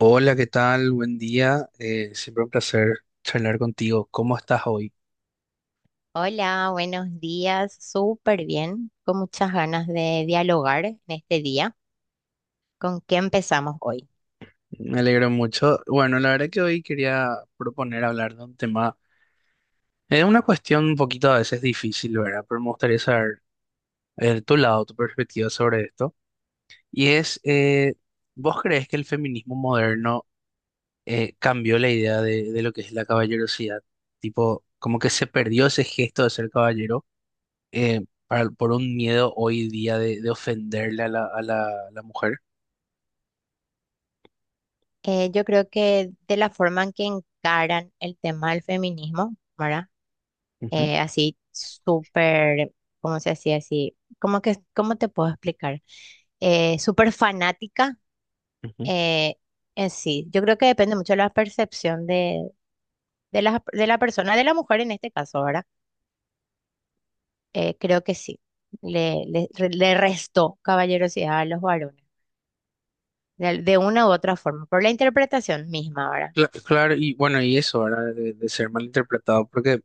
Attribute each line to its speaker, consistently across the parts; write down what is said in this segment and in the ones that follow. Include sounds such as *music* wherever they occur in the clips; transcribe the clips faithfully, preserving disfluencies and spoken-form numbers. Speaker 1: Hola, ¿qué tal? Buen día. Eh, siempre un placer charlar contigo. ¿Cómo estás hoy?
Speaker 2: Hola, buenos días. Súper bien, con muchas ganas de dialogar en este día. ¿Con qué empezamos hoy?
Speaker 1: Me alegro mucho. Bueno, la verdad que hoy quería proponer hablar de un tema, es una cuestión un poquito a veces difícil, ¿verdad? Pero me gustaría saber eh, tu lado, tu perspectiva sobre esto. Y es, eh, ¿vos crees que el feminismo moderno eh, cambió la idea de, de lo que es la caballerosidad? Tipo, como que se perdió ese gesto de ser caballero eh, para- por un miedo hoy día de, de ofenderle a la, a la a la mujer.
Speaker 2: Eh, yo creo que de la forma en que encaran el tema del feminismo, ¿verdad?
Speaker 1: Ujú,
Speaker 2: Eh, así súper, ¿cómo se decía así? ¿Cómo que, cómo te puedo explicar? Eh, súper fanática.
Speaker 1: ujú.
Speaker 2: eh, en sí, yo creo que depende mucho de la percepción de, de la, de la persona, de la mujer en este caso, ¿verdad? Eh, creo que sí. Le, le, le restó caballerosidad a los varones, de, de una u otra forma, por la interpretación misma ahora.
Speaker 1: Cla- Claro, y bueno, y eso, ¿verdad? De, de ser malinterpretado, porque,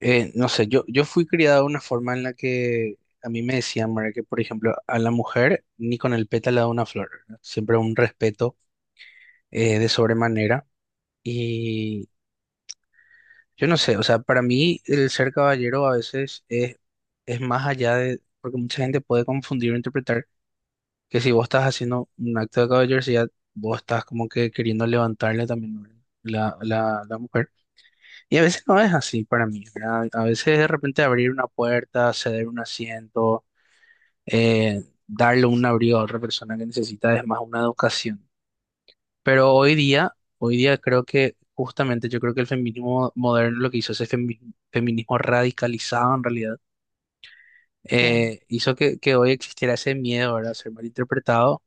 Speaker 1: eh, no sé, yo, yo fui criado de una forma en la que a mí me decían, ¿verdad? Que, por ejemplo, a la mujer ni con el pétalo de una flor, ¿verdad? Siempre un respeto eh, de sobremanera. Y yo no sé, o sea, para mí el ser caballero a veces es, es más allá de, porque mucha gente puede confundir o interpretar que si vos estás haciendo un acto de caballerosidad, vos estás como que queriendo levantarle también, ¿verdad? La, la la mujer. Y a veces no es así para mí, ¿verdad? A veces de repente abrir una puerta, ceder un asiento, eh, darle un abrigo a otra persona que necesita es más una educación. Pero hoy día, hoy día creo que justamente yo creo que el feminismo moderno lo que hizo ese femi- feminismo radicalizado en realidad,
Speaker 2: Sí.
Speaker 1: eh, hizo que, que hoy existiera ese miedo, ¿verdad? A ser malinterpretado,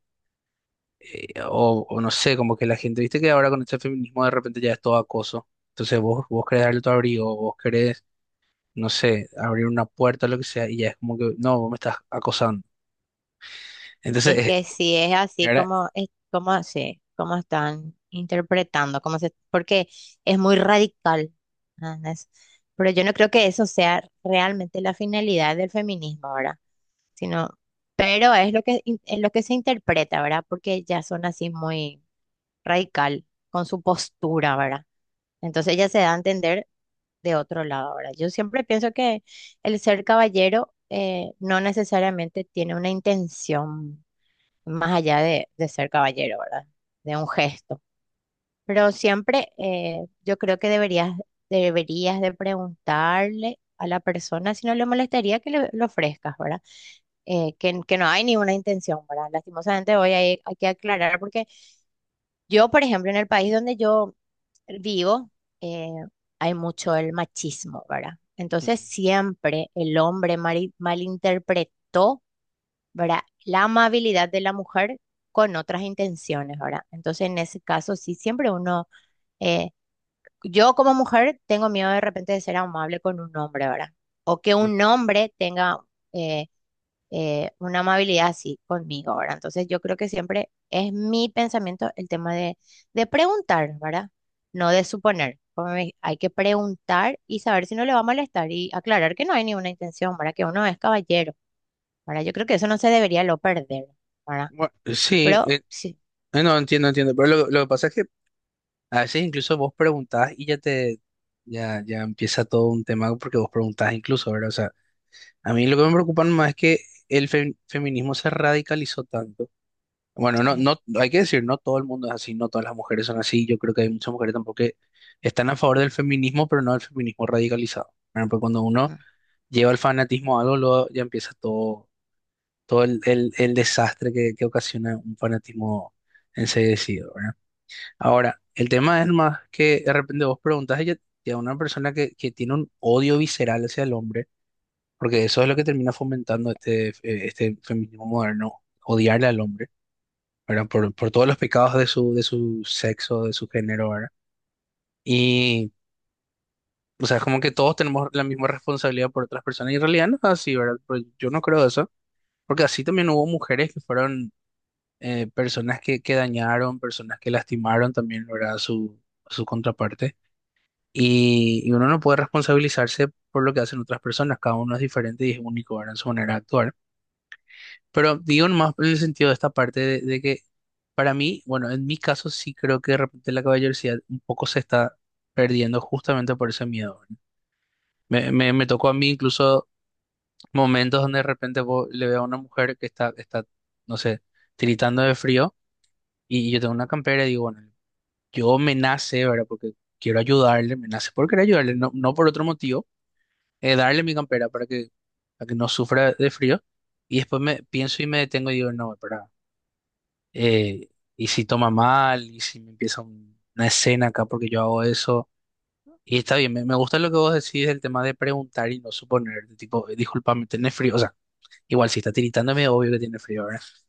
Speaker 1: eh, o, o no sé, como que la gente, viste que ahora con este feminismo de repente ya es todo acoso. Entonces vos, vos querés darle tu abrigo, vos querés no sé, abrir una puerta o lo que sea, y ya es como que, no, vos me estás acosando. Entonces,
Speaker 2: Es
Speaker 1: eh,
Speaker 2: que sí es así
Speaker 1: era,
Speaker 2: como, es, como, sí, como están interpretando, como se, porque es muy radical. ¿Entendés? Pero yo no creo que eso sea realmente la finalidad del feminismo ahora, sino, pero es lo que, in- es lo que se interpreta, ¿verdad? Porque ya son así muy radical con su postura, ¿verdad? Entonces ella se da a entender de otro lado ahora. Yo siempre pienso que el ser caballero eh, no necesariamente tiene una intención más allá de, de ser caballero, ¿verdad? De un gesto. Pero siempre eh, yo creo que deberías, deberías de preguntarle a la persona si no le molestaría que le, le ofrezcas, ¿verdad? eh, que, que no hay ninguna intención, ¿verdad? Lastimosamente hoy hay, hay que aclarar porque yo, por ejemplo, en el país donde yo vivo, eh, hay mucho el machismo, ¿verdad? Entonces
Speaker 1: Ujú.
Speaker 2: siempre el hombre mari- malinterpretó, ¿verdad? La amabilidad de la mujer con otras intenciones, ¿verdad? Entonces en ese caso sí, siempre uno, eh, yo como mujer tengo miedo de repente de ser amable con un hombre, ¿verdad? O que un hombre tenga... eh, eh, una amabilidad así conmigo, ¿verdad? Entonces yo creo que siempre es mi pensamiento el tema de, de preguntar, ¿verdad? No de suponer. Como me- hay que preguntar y saber si no le va a molestar y aclarar que no hay ninguna intención, ¿verdad? Que uno es caballero, ¿verdad? Yo creo que eso no se debería lo perder, ¿verdad?
Speaker 1: Bueno, sí,
Speaker 2: Pero
Speaker 1: eh,
Speaker 2: sí,
Speaker 1: eh, no entiendo, entiendo, pero lo, lo que pasa es que a veces incluso vos preguntás y ya te, ya, ya empieza todo un tema porque vos preguntás incluso, ¿verdad? O sea, a mí lo que me preocupa más es que el fe- feminismo se radicalizó tanto. Bueno, no,
Speaker 2: sí,
Speaker 1: no, hay que decir, no todo el mundo es así, no todas las mujeres son así, yo creo que hay muchas mujeres tampoco que están a favor del feminismo, pero no del feminismo radicalizado. Bueno, pues cuando uno
Speaker 2: mm,
Speaker 1: lleva el fanatismo a algo, luego ya empieza todo, todo el, el- el desastre que, que ocasiona un fanatismo enseguecido, ¿verdad? Ahora, el tema es más que de repente vos preguntas a ella, a una persona que, que tiene un odio visceral hacia el hombre, porque eso es lo que termina fomentando este, eh, este feminismo moderno, odiarle al hombre, ¿verdad? Por, por todos los pecados de su, de su sexo, de su género, ¿verdad? Y, o sea, es como que todos tenemos la misma responsabilidad por otras personas, y en realidad no es así, ¿verdad? Pero yo no creo eso. Porque así también hubo mujeres que fueron eh, personas que, que dañaron, personas que lastimaron también, ¿verdad? A su, a su contraparte. Y, y uno no puede responsabilizarse por lo que hacen otras personas, cada uno es diferente y es único, ¿verdad? En su manera de actuar. Pero digo más en el sentido de esta parte de, de que para mí, bueno, en mi caso sí creo que de repente la caballerosidad un poco se está perdiendo justamente por ese miedo, ¿verdad? Me, me, me tocó a mí incluso momentos donde de repente vos le veo a una mujer que está, está, no sé, tiritando de frío. Y yo tengo una campera y digo, bueno, yo me nace, ¿verdad? Porque quiero ayudarle, me nace por querer ayudarle, no, no por otro motivo, eh, darle mi campera para que, para que no sufra de frío. Y después me pienso y me detengo y digo, no, espera, eh, y si toma mal, y si me empieza un- una escena acá porque yo hago eso. Y está bien, me, me gusta lo que vos decís del tema de preguntar y no suponer, de tipo, "Eh, discúlpame, ¿tenés frío? O sea, igual si está tiritando tiritándome, obvio que tiene frío.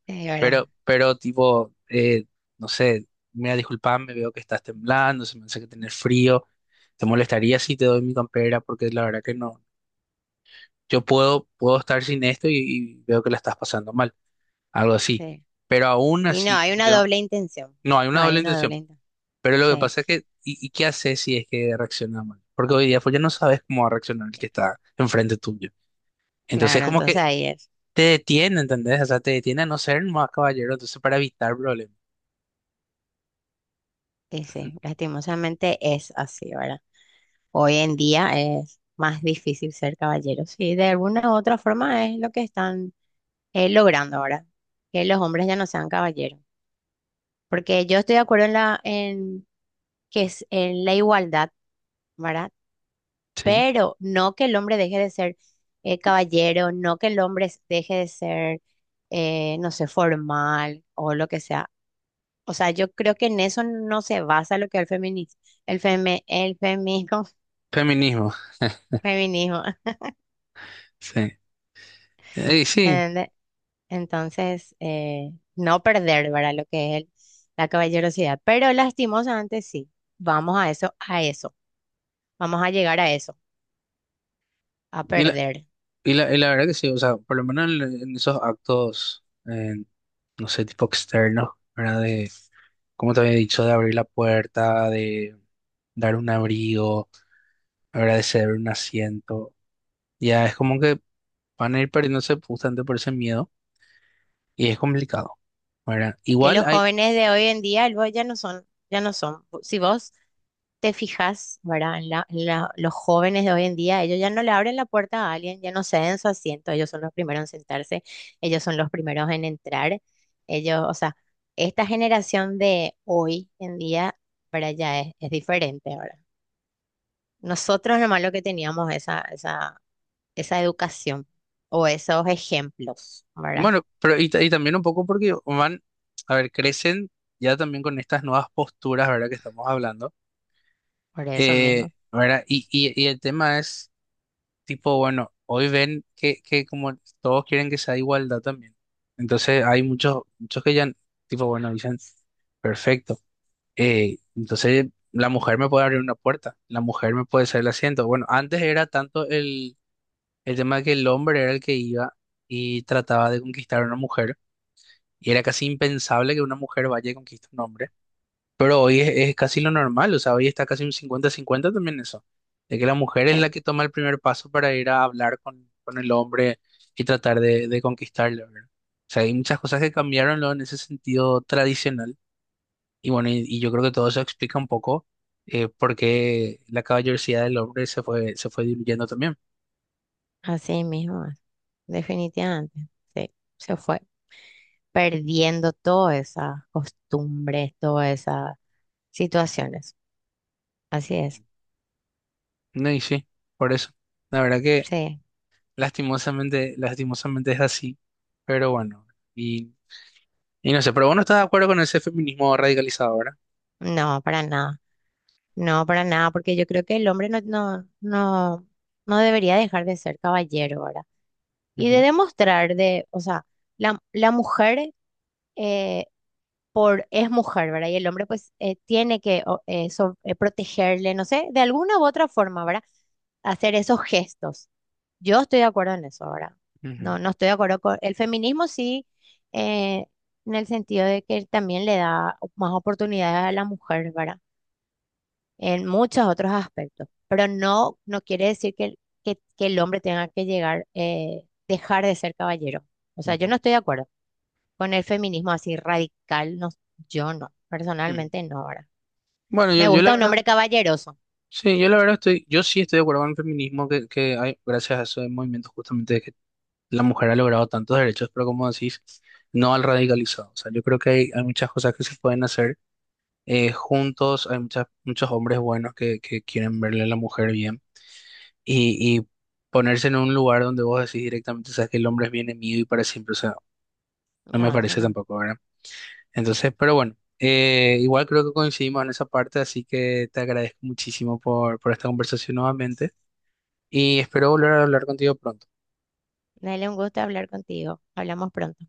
Speaker 2: sí, ¿verdad?
Speaker 1: Pero, pero tipo, eh, no sé, mira, disculpame, veo que estás temblando, se me hace que tener frío. ¿Te molestaría si te doy mi campera? Porque la verdad que no. Yo puedo, puedo estar sin esto y, y veo que la estás pasando mal, algo
Speaker 2: Sí.
Speaker 1: así.
Speaker 2: Sí.
Speaker 1: Pero aún
Speaker 2: Y no,
Speaker 1: así,
Speaker 2: hay
Speaker 1: como te
Speaker 2: una
Speaker 1: digo,
Speaker 2: doble intención.
Speaker 1: no, hay
Speaker 2: No,
Speaker 1: una
Speaker 2: hay
Speaker 1: doble
Speaker 2: una
Speaker 1: intención.
Speaker 2: doble intención.
Speaker 1: Pero lo que
Speaker 2: Sí,
Speaker 1: pasa es que, ¿y, y qué haces si es que reacciona mal? Porque hoy día pues ya no sabes cómo va a reaccionar el que está enfrente tuyo. Entonces
Speaker 2: claro,
Speaker 1: como
Speaker 2: entonces
Speaker 1: que
Speaker 2: ahí es.
Speaker 1: te detiene, ¿entendés? O sea, te detiene a no ser más caballero, entonces para evitar problemas.
Speaker 2: Y sí, lastimosamente es así, ¿verdad? Hoy en día es más difícil ser caballero. Sí, de alguna u otra forma es lo que están eh, logrando ahora, que los hombres ya no sean caballeros. Porque yo estoy de acuerdo en la, en que es en la igualdad, ¿verdad?
Speaker 1: Sí.
Speaker 2: Pero no que el hombre deje de ser eh, caballero, no que el hombre s- deje de ser, eh, no sé, formal o lo que sea. O sea, yo creo que en eso no se basa lo que es el feminismo, el feme- el feminismo,
Speaker 1: Feminismo.
Speaker 2: *laughs* feminismo.
Speaker 1: Sí, Eh, y sí,
Speaker 2: *laughs* Entonces, eh, no perder, ¿verdad? Lo que es el- la caballerosidad. Pero lastimosamente sí, vamos a eso, a eso. Vamos a llegar a eso, a
Speaker 1: y la,
Speaker 2: perder.
Speaker 1: y la, y la verdad que sí, o sea, por lo menos en, en esos actos, eh, no sé, tipo externos, ¿verdad? De, como te había dicho, de abrir la puerta, de dar un abrigo, agradecer un asiento, ya es como que van a ir perdiéndose justamente por ese miedo y es complicado, ¿verdad?
Speaker 2: Que
Speaker 1: Igual
Speaker 2: los
Speaker 1: hay,
Speaker 2: jóvenes de hoy en día, luego ya no son, ya no son. Si vos te fijas, ¿verdad? En la- en la- los jóvenes de hoy en día, ellos ya no le abren la puerta a alguien, ya no ceden su asiento, ellos son los primeros en sentarse, ellos son los primeros en entrar. Ellos, o sea, esta generación de hoy en día, ¿verdad? Ya es, es diferente, ahora. Nosotros nomás lo que teníamos esa, esa, esa educación o esos ejemplos, ¿verdad?
Speaker 1: bueno, pero y, ta- y también un poco porque van, a ver, crecen ya también con estas nuevas posturas, ¿verdad? Que estamos hablando.
Speaker 2: Por eso
Speaker 1: Eh,
Speaker 2: mismo.
Speaker 1: ¿verdad? Y, y, y el tema es tipo, bueno, hoy ven que, que como todos quieren que sea igualdad también. Entonces hay muchos, muchos que ya, tipo, bueno, dicen, perfecto. Eh, entonces la mujer me puede abrir una puerta, la mujer me puede hacer el asiento. Bueno, antes era tanto el, el tema de que el hombre era el que iba y trataba de conquistar a una mujer, y era casi impensable que una mujer vaya y conquiste a un hombre. Pero hoy es, es casi lo normal, o sea, hoy está casi un cincuenta cincuenta también eso, de que la mujer es
Speaker 2: *laughs* eh,
Speaker 1: la que toma el primer paso para ir a hablar con, con el hombre y tratar de, de conquistarle, ¿verdad? O sea, hay muchas cosas que cambiaron, ¿no? En ese sentido tradicional y bueno, y, y yo creo que todo eso explica un poco eh, por qué la caballerosidad del hombre se fue, se fue diluyendo también.
Speaker 2: Así mismo, es, definitivamente. Sí, se fue perdiendo todas esas costumbres, todas esas situaciones. Así es.
Speaker 1: No, y sí, por eso. La verdad que
Speaker 2: Sí,
Speaker 1: lastimosamente, lastimosamente es así, pero bueno, y, y no sé, pero vos no estás de acuerdo con ese feminismo radicalizado, ¿verdad?
Speaker 2: no, para nada. No, para nada, porque yo creo que el hombre no, no, no, no debería dejar de ser caballero, ¿verdad? Y de
Speaker 1: Ujú,
Speaker 2: demostrar de, o sea, la, la mujer eh, por es mujer, ¿verdad? Y el hombre pues eh, tiene que o- eh, so- eh, protegerle, no sé, de alguna u otra forma, ¿verdad? Hacer esos gestos. Yo estoy de acuerdo en eso, ¿verdad?
Speaker 1: ujú,
Speaker 2: No, no estoy de acuerdo con el feminismo, sí, eh, en el sentido de que también le da más oportunidades a la mujer, ¿verdad? En muchos otros aspectos, pero no, no quiere decir que, el- que, que el hombre tenga que llegar, eh, dejar de ser caballero. O sea, yo
Speaker 1: ujú,
Speaker 2: no estoy de acuerdo con el feminismo así radical, no, yo no,
Speaker 1: ujú.
Speaker 2: personalmente no, ahora.
Speaker 1: Bueno, yo,
Speaker 2: Me
Speaker 1: yo la
Speaker 2: gusta un
Speaker 1: verdad,
Speaker 2: hombre caballeroso.
Speaker 1: sí, yo la verdad estoy, yo sí estoy de acuerdo con el feminismo que, que hay gracias a esos movimientos justamente de que la mujer ha logrado tantos derechos, pero como decís, no al radicalizado. O sea, yo creo que hay, hay muchas cosas que se pueden hacer eh, juntos, hay muchas, muchos hombres buenos que, que quieren verle a la mujer bien y, y ponerse en un lugar donde vos decís directamente, sabes que el hombre es bien mío y para siempre, o sea, no me
Speaker 2: No, eso
Speaker 1: parece
Speaker 2: no.
Speaker 1: tampoco, ¿verdad? Entonces, pero bueno, eh, igual creo que coincidimos en esa parte, así que te agradezco muchísimo por, por esta conversación nuevamente y espero volver a hablar contigo pronto.
Speaker 2: Dale un gusto hablar contigo. Hablamos pronto.